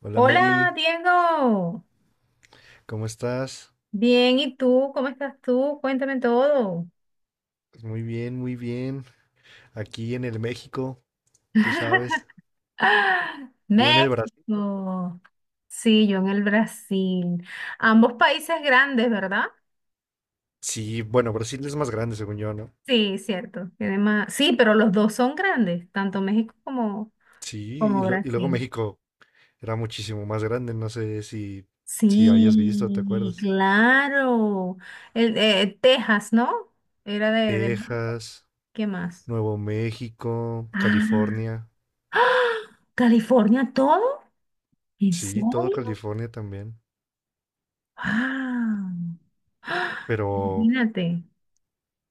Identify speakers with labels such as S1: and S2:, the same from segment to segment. S1: Hola,
S2: Hola,
S1: Mary,
S2: Diego.
S1: ¿cómo estás?
S2: Bien, ¿y tú? ¿Cómo estás tú? Cuéntame todo.
S1: Pues muy bien, muy bien. Aquí en el México, tú sabes.
S2: ¡Ah!
S1: Yo en el Brasil, ¿no?
S2: México. Sí, yo en el Brasil. Ambos países grandes, ¿verdad?
S1: Sí, bueno, Brasil es más grande, según yo, ¿no?
S2: Sí, cierto. Tiene más- Sí, pero los dos son grandes, tanto México como,
S1: Sí,
S2: como
S1: y luego
S2: Brasil.
S1: México era muchísimo más grande, no sé si, si hayas visto, ¿te
S2: Sí,
S1: acuerdas?
S2: claro. Texas, ¿no? Era de.
S1: Texas,
S2: ¿Qué más?
S1: Nuevo México,
S2: Ah,
S1: California.
S2: ¡ah! ¿California todo? ¿En
S1: Sí, todo
S2: serio?
S1: California también.
S2: Ah, ¡ah!,
S1: Pero,
S2: imagínate.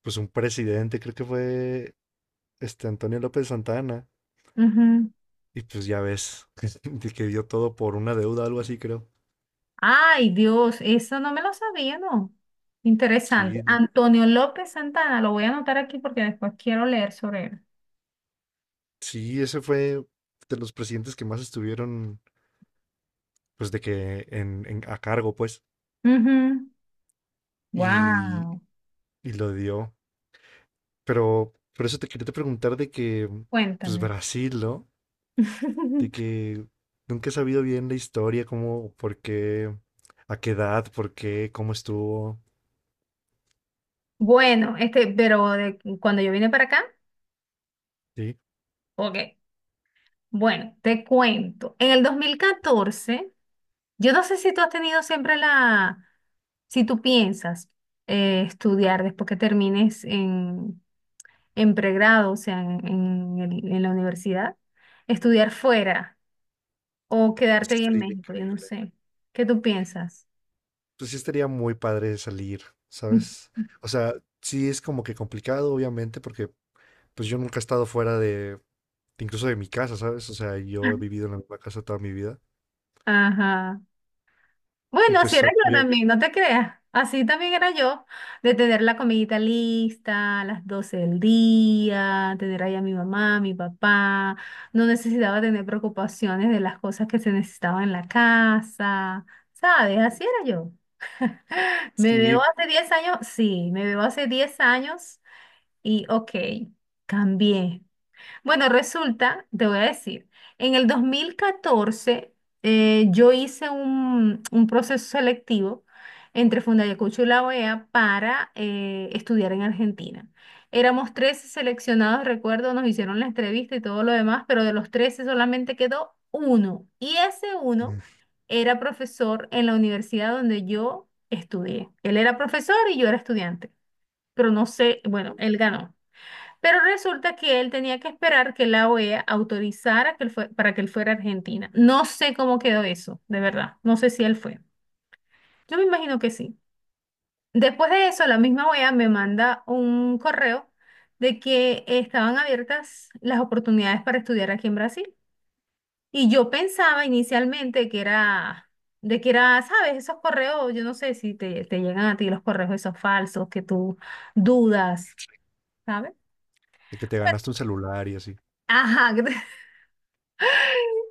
S1: pues un presidente, creo que fue este Antonio López Santana.
S2: Ujú.
S1: Y pues ya ves, de que dio todo por una deuda, algo así, creo.
S2: Ay, Dios, eso no me lo sabía, ¿no? Interesante.
S1: Sí,
S2: Antonio López Santana, lo voy a anotar aquí porque después quiero leer sobre él.
S1: sí, ese fue de los presidentes que más estuvieron, pues de que a cargo, pues,
S2: Ujú.
S1: y,
S2: Wow,
S1: y lo dio. Pero por eso te quería te preguntar de que, pues
S2: cuéntame.
S1: Brasil, ¿no? De que nunca he sabido bien la historia, cómo, por qué, a qué edad, por qué, cómo estuvo,
S2: Bueno, este, pero cuando yo vine para acá,
S1: ¿sí?
S2: ok, bueno, te cuento. En el 2014, yo no sé si tú has tenido siempre la, si tú piensas estudiar después que termines en, pregrado, o sea, en la universidad, estudiar fuera o
S1: Eso
S2: quedarte ahí en
S1: estaría
S2: México, yo no
S1: increíble.
S2: sé. ¿Qué tú piensas?
S1: Pues sí estaría muy padre salir, ¿sabes? O sea, sí es como que complicado, obviamente, porque pues yo nunca he estado fuera de, incluso de mi casa, ¿sabes? O sea, yo he vivido en la misma casa toda mi vida.
S2: Ajá.
S1: Y
S2: Bueno, así
S1: pues
S2: era yo
S1: bien,
S2: también, no te creas. Así también era yo, de tener la comidita lista a las 12 del día, tener ahí a mi mamá, mi papá. No necesitaba tener preocupaciones de las cosas que se necesitaban en la casa, ¿sabes? Así era. Me veo
S1: sí,
S2: hace 10 años, sí, me veo hace 10 años y ok, cambié. Bueno, resulta, te voy a decir, en el 2014 yo hice un proceso selectivo entre Fundayacucho y la OEA para estudiar en Argentina. Éramos 13 seleccionados, recuerdo, nos hicieron la entrevista y todo lo demás, pero de los 13 solamente quedó uno. Y ese uno
S1: mm,
S2: era profesor en la universidad donde yo estudié. Él era profesor y yo era estudiante, pero no sé, bueno, él ganó. Pero resulta que él tenía que esperar que la OEA autorizara que para que él fuera a Argentina. No sé cómo quedó eso, de verdad. No sé si él fue. Yo me imagino que sí. Después de eso, la misma OEA me manda un correo de que estaban abiertas las oportunidades para estudiar aquí en Brasil. Y yo pensaba inicialmente que era, de que era, ¿sabes? Esos correos, yo no sé si te llegan a ti los correos esos falsos que tú dudas, ¿sabes?
S1: de que te ganaste un celular y así.
S2: Ajá.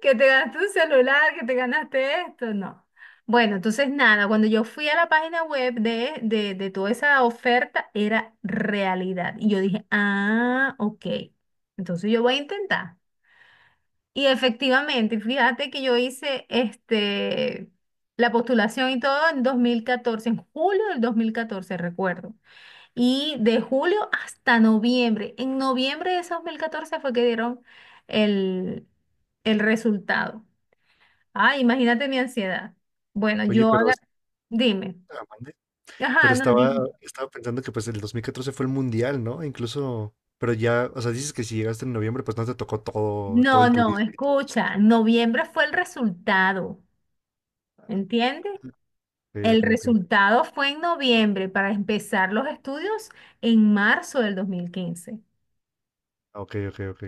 S2: Que te ganaste un celular, que te ganaste esto, no. Bueno, entonces nada, cuando yo fui a la página web de toda esa oferta, era realidad. Y yo dije, ah, ok, entonces yo voy a intentar. Y efectivamente, fíjate que yo hice este, la postulación y todo en 2014, en julio del 2014 recuerdo. Y de julio hasta noviembre. En noviembre de ese 2014 fue que dieron el, el resultado. Ah, imagínate mi ansiedad. Bueno,
S1: Oye,
S2: yo
S1: pero,
S2: haga, dime.
S1: mande. Pero
S2: Ajá, no,
S1: estaba,
S2: dime.
S1: estaba pensando que pues el 2014 fue el mundial, ¿no? Incluso, pero ya, o sea, dices que si llegaste en noviembre, pues no te tocó todo, todo
S2: No,
S1: el
S2: no,
S1: turismo y todo eso.
S2: escucha, noviembre fue el resultado, ¿entiendes?
S1: Ok,
S2: El
S1: ok, ok.
S2: resultado fue en noviembre para empezar los estudios en marzo del 2015.
S1: Ah, ok, ok, ok.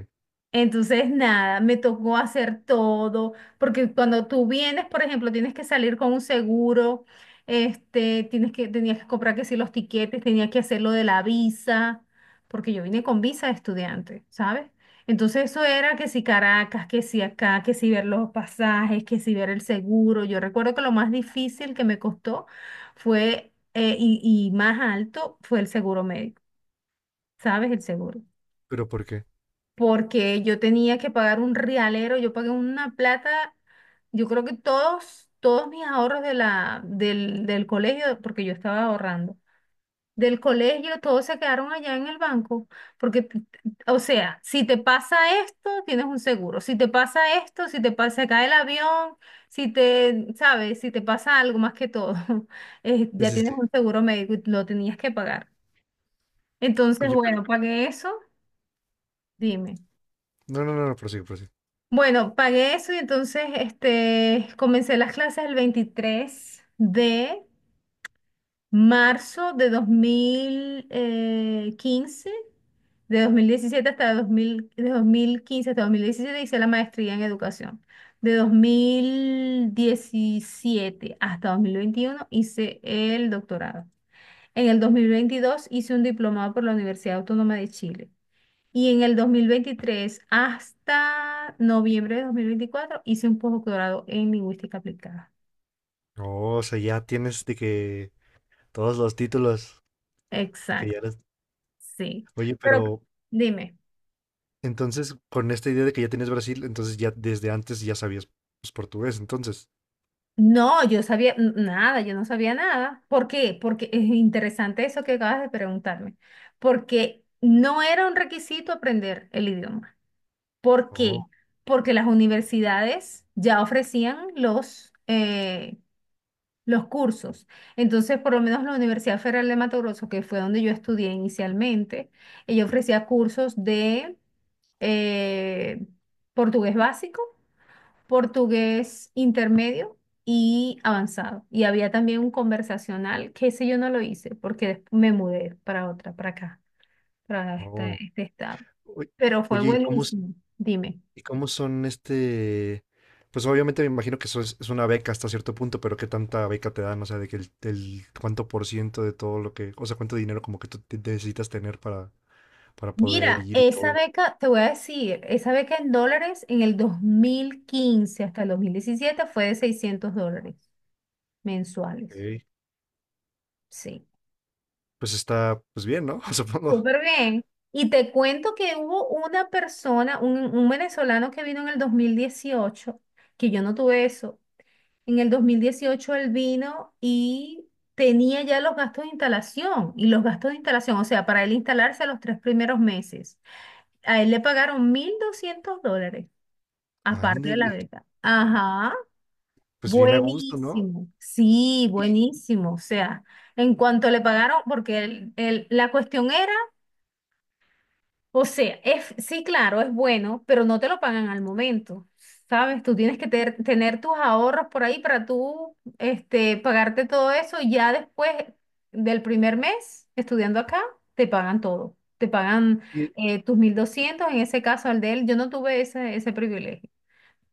S2: Entonces, nada, me tocó hacer todo, porque cuando tú vienes, por ejemplo, tienes que salir con un seguro, este, tenías que comprar que sí los tiquetes, tenías que hacer lo de la visa, porque yo vine con visa de estudiante, ¿sabes? Entonces eso era que si Caracas, que si acá, que si ver los pasajes, que si ver el seguro. Yo recuerdo que lo más difícil que me costó fue, y más alto, fue el seguro médico, ¿sabes? El seguro
S1: Pero ¿por qué?
S2: porque yo tenía que pagar un realero, yo pagué una plata, yo creo que todos mis ahorros del colegio, porque yo estaba ahorrando, del colegio, todos se quedaron allá en el banco, porque, o sea, si te pasa esto, tienes un seguro, si te pasa esto, si te pasa, se cae el avión, si te, sabes, si te pasa algo más que todo,
S1: Sí,
S2: ya
S1: sí,
S2: tienes
S1: sí.
S2: un seguro médico y lo tenías que pagar. Entonces,
S1: Oye, pero
S2: bueno, pagué eso, dime.
S1: no, no, no, no, prosigue, prosigue.
S2: Bueno, pagué eso y entonces este, comencé las clases el 23 de marzo de 2015, de 2017 hasta 2000, de 2015 hasta 2017 hice la maestría en educación. De 2017 hasta 2021 hice el doctorado. En el 2022 hice un diplomado por la Universidad Autónoma de Chile. Y en el 2023 hasta noviembre de 2024 hice un posgrado en lingüística aplicada.
S1: Oh, o sea, ya tienes de que todos los títulos, de que
S2: Exacto,
S1: ya eres-
S2: sí.
S1: Oye,
S2: Pero
S1: pero
S2: dime,
S1: entonces con esta idea de que ya tienes Brasil, entonces ya desde antes ya sabías pues portugués, entonces.
S2: no, yo sabía nada, yo no sabía nada. ¿Por qué? Porque es interesante eso que acabas de preguntarme. Porque no era un requisito aprender el idioma. ¿Por qué?
S1: Oh,
S2: Porque las universidades ya ofrecían los cursos. Entonces, por lo menos la Universidad Federal de Mato Grosso, que fue donde yo estudié inicialmente, ella ofrecía cursos de eh, portugués básico, portugués intermedio y avanzado. Y había también un conversacional, que ese yo no lo hice porque me mudé para otra, para acá, para este,
S1: oh.
S2: este estado.
S1: Oy-
S2: Pero fue
S1: Oye, ¿y cómo, s-
S2: buenísimo. Dime.
S1: y cómo son este? Pues obviamente me imagino que eso es una beca hasta cierto punto, pero ¿qué tanta beca te dan? O sea, de que el cuánto por ciento de todo lo que, o sea, cuánto dinero como que tú necesitas tener para poder
S2: Mira,
S1: ir y
S2: esa
S1: todo.
S2: beca, te voy a decir, esa beca en dólares en el 2015 hasta el 2017 fue de $600 mensuales.
S1: Ok.
S2: Sí,
S1: Pues está, pues bien, ¿no? Supongo.
S2: súper bien. Y te cuento que hubo una persona, un venezolano que vino en el 2018 que yo no tuve eso. En el 2018 él vino y tenía ya los gastos de instalación y los gastos de instalación, o sea, para él instalarse los tres primeros meses. A él le pagaron $1,200. Aparte de la
S1: Ándele,
S2: beca. Ajá,
S1: pues bien a gusto, ¿no?
S2: buenísimo. Sí,
S1: Y,
S2: buenísimo. O sea, en cuanto le pagaron, porque la cuestión era, o sea, es, sí, claro, es bueno, pero no te lo pagan al momento. ¿Sabes? Tú tienes que tener tus ahorros por ahí para tú, este, pagarte todo eso y ya después del primer mes estudiando acá, te pagan todo. Te pagan
S1: y-
S2: tus 1,200 en ese caso al de él. Yo no tuve ese privilegio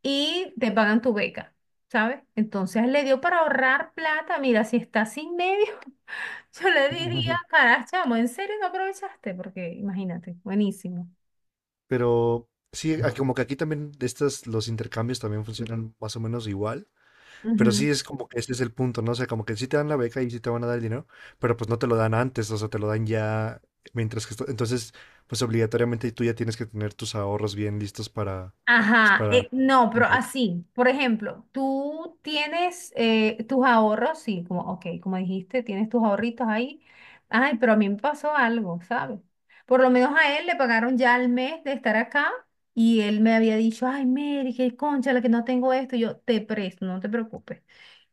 S2: y te pagan tu beca, ¿sabes? Entonces le dio para ahorrar plata, mira, si está sin medio. Yo le diría, caray, chamo, ¿en serio no aprovechaste? Porque imagínate, buenísimo.
S1: pero sí, como que aquí también de estas, los intercambios también funcionan más o menos igual, pero sí es como que ese es el punto, ¿no? O sea, como que sí te dan la beca y sí te van a dar el dinero, pero pues no te lo dan antes, o sea, te lo dan ya entonces, pues obligatoriamente tú ya tienes que tener tus ahorros bien listos para, pues
S2: Ajá,
S1: para
S2: no, pero
S1: intercambio.
S2: así, por ejemplo, tú tienes tus ahorros, sí, como, ok, como dijiste, tienes tus ahorritos ahí. Ay, pero a mí me pasó algo, ¿sabes? Por lo menos a él le pagaron ya el mes de estar acá y él me había dicho, ay, Mary, qué concha, la que no tengo esto, y yo te presto, no te preocupes.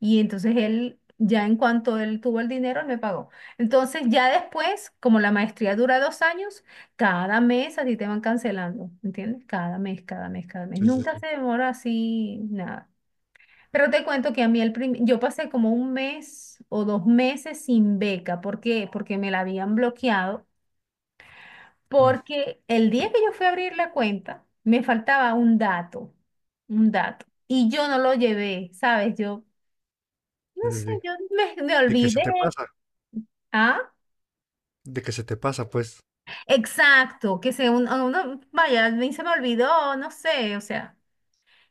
S2: Y entonces él, ya en cuanto él tuvo el dinero, él me pagó. Entonces, ya después, como la maestría dura 2 años, cada mes a ti te van cancelando, ¿entiendes? Cada mes, cada mes, cada mes.
S1: Sí, sí,
S2: Nunca
S1: sí.
S2: se demora así, nada. Pero te cuento que a mí yo pasé como un mes o dos meses sin beca. ¿Por qué? Porque me la habían bloqueado.
S1: Mm,
S2: Porque el día que yo fui a abrir la cuenta, me faltaba un dato, un dato. Y yo no lo llevé, ¿sabes? Yo, no
S1: sí,
S2: sé,
S1: sí, sí.
S2: yo me
S1: De que se
S2: olvidé.
S1: te pasa,
S2: ¿Ah?
S1: de que se te pasa, pues.
S2: Exacto, que se uno, vaya, a mí se me olvidó, no sé, o sea.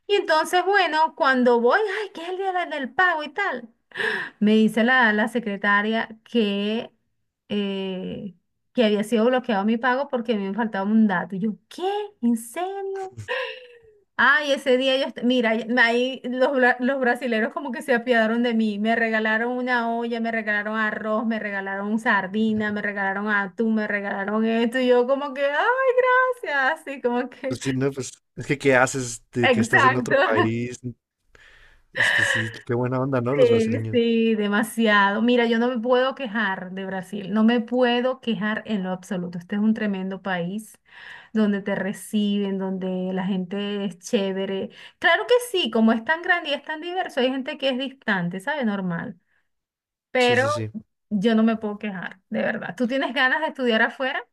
S2: Y entonces, bueno, cuando voy, ay, que es el día del pago y tal, me dice la secretaria eh, que había sido bloqueado mi pago porque me faltaba un dato. Y yo, ¿qué? ¿En serio? Ay, ese día yo, mira, ahí los brasileros como que se apiadaron de mí, me regalaron una olla, me regalaron arroz, me regalaron sardina, me regalaron atún, me regalaron esto, y yo como que, ay, gracias, así como que,
S1: Pues sí, no, pues es que ¿qué haces de que estás en
S2: exacto.
S1: otro país? Pues sí, qué buena onda, ¿no? Los
S2: Sí,
S1: brasileños.
S2: sí, demasiado. Mira, yo no me puedo quejar de Brasil, no me puedo quejar en lo absoluto. Este es un tremendo país donde te reciben, donde la gente es chévere. Claro que sí, como es tan grande y es tan diverso, hay gente que es distante, ¿sabe? Normal.
S1: Sí,
S2: Pero
S1: sí, sí.
S2: yo no me puedo quejar, de verdad. ¿Tú tienes ganas de estudiar afuera?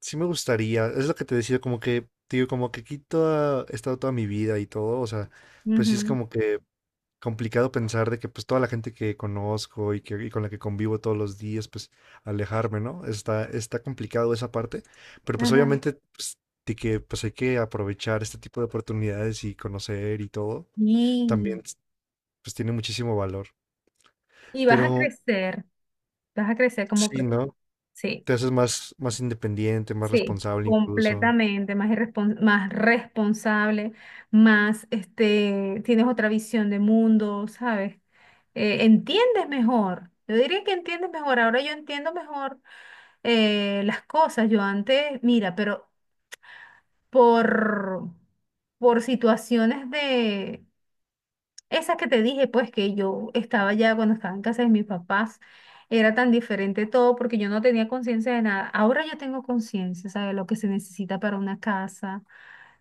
S1: Sí me gustaría. Es lo que te decía, como que, digo, como que aquí toda, he estado toda mi vida y todo. O sea, pues sí es
S2: Ujú,
S1: como que complicado pensar de que pues toda la gente que conozco y con la que convivo todos los días, pues alejarme, ¿no? Está complicado esa parte. Pero pues
S2: ajá.
S1: obviamente, pues, de que pues hay que aprovechar este tipo de oportunidades y conocer y todo.
S2: Y,
S1: También, pues tiene muchísimo valor.
S2: y
S1: Pero
S2: vas a crecer como
S1: sí,
S2: persona.
S1: ¿no?
S2: Sí.
S1: Te haces más, más independiente, más
S2: Sí,
S1: responsable incluso.
S2: completamente, más más responsable, más este, tienes otra visión de mundo, ¿sabes? Entiendes mejor. Yo diría que entiendes mejor. Ahora yo entiendo mejor, las cosas. Yo antes, mira, pero por, por situaciones esa que te dije, pues que yo estaba ya cuando estaba en casa de mis papás, era tan diferente todo porque yo no tenía conciencia de nada. Ahora yo tengo conciencia, ¿sabes? Lo que se necesita para una casa,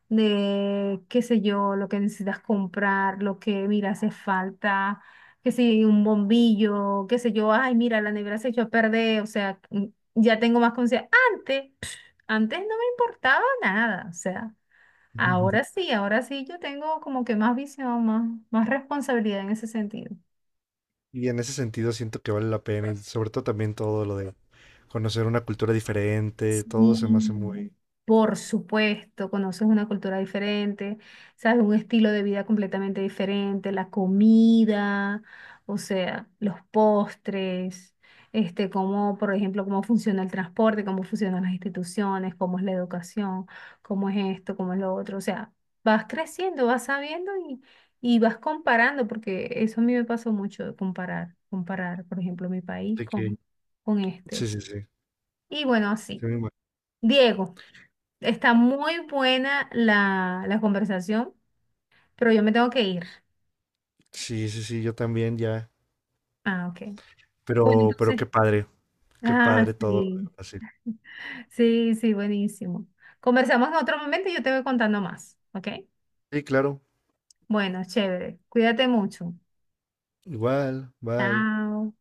S2: de qué sé yo, lo que necesitas comprar, lo que, mira, hace falta, que si un bombillo, qué sé yo, ay, mira, la nevera se echó a perder, o sea, ya tengo más conciencia. Antes, antes no me importaba nada, o sea. Ahora sí yo tengo como que más visión, más responsabilidad en ese sentido.
S1: Y en ese sentido siento que vale la pena, y sobre todo también todo lo de conocer una cultura diferente, todo se me hace
S2: Sí,
S1: muy...
S2: por supuesto, conoces una cultura diferente, sabes, un estilo de vida completamente diferente, la comida, o sea, los postres, este, cómo, por ejemplo, cómo funciona el transporte, cómo funcionan las instituciones, cómo es la educación, cómo es esto, cómo es lo otro, o sea, vas creciendo, vas sabiendo y vas comparando, porque eso a mí me pasó mucho de comparar, comparar, por ejemplo, mi país
S1: de que-
S2: con este.
S1: Sí, sí, sí.
S2: Y bueno,
S1: Sí,
S2: así.
S1: me imag-
S2: Diego. Está muy buena la conversación, pero yo me tengo que ir.
S1: sí, sí, sí, yo también ya.
S2: Ah, ok. Bueno,
S1: Pero
S2: entonces,
S1: qué
S2: ah,
S1: padre todo lo
S2: sí,
S1: de Brasil.
S2: sí, sí, buenísimo. Conversamos en otro momento y yo te voy contando más, ¿ok?
S1: Sí, claro.
S2: Bueno, chévere. Cuídate mucho.
S1: Igual, bye.
S2: Chao.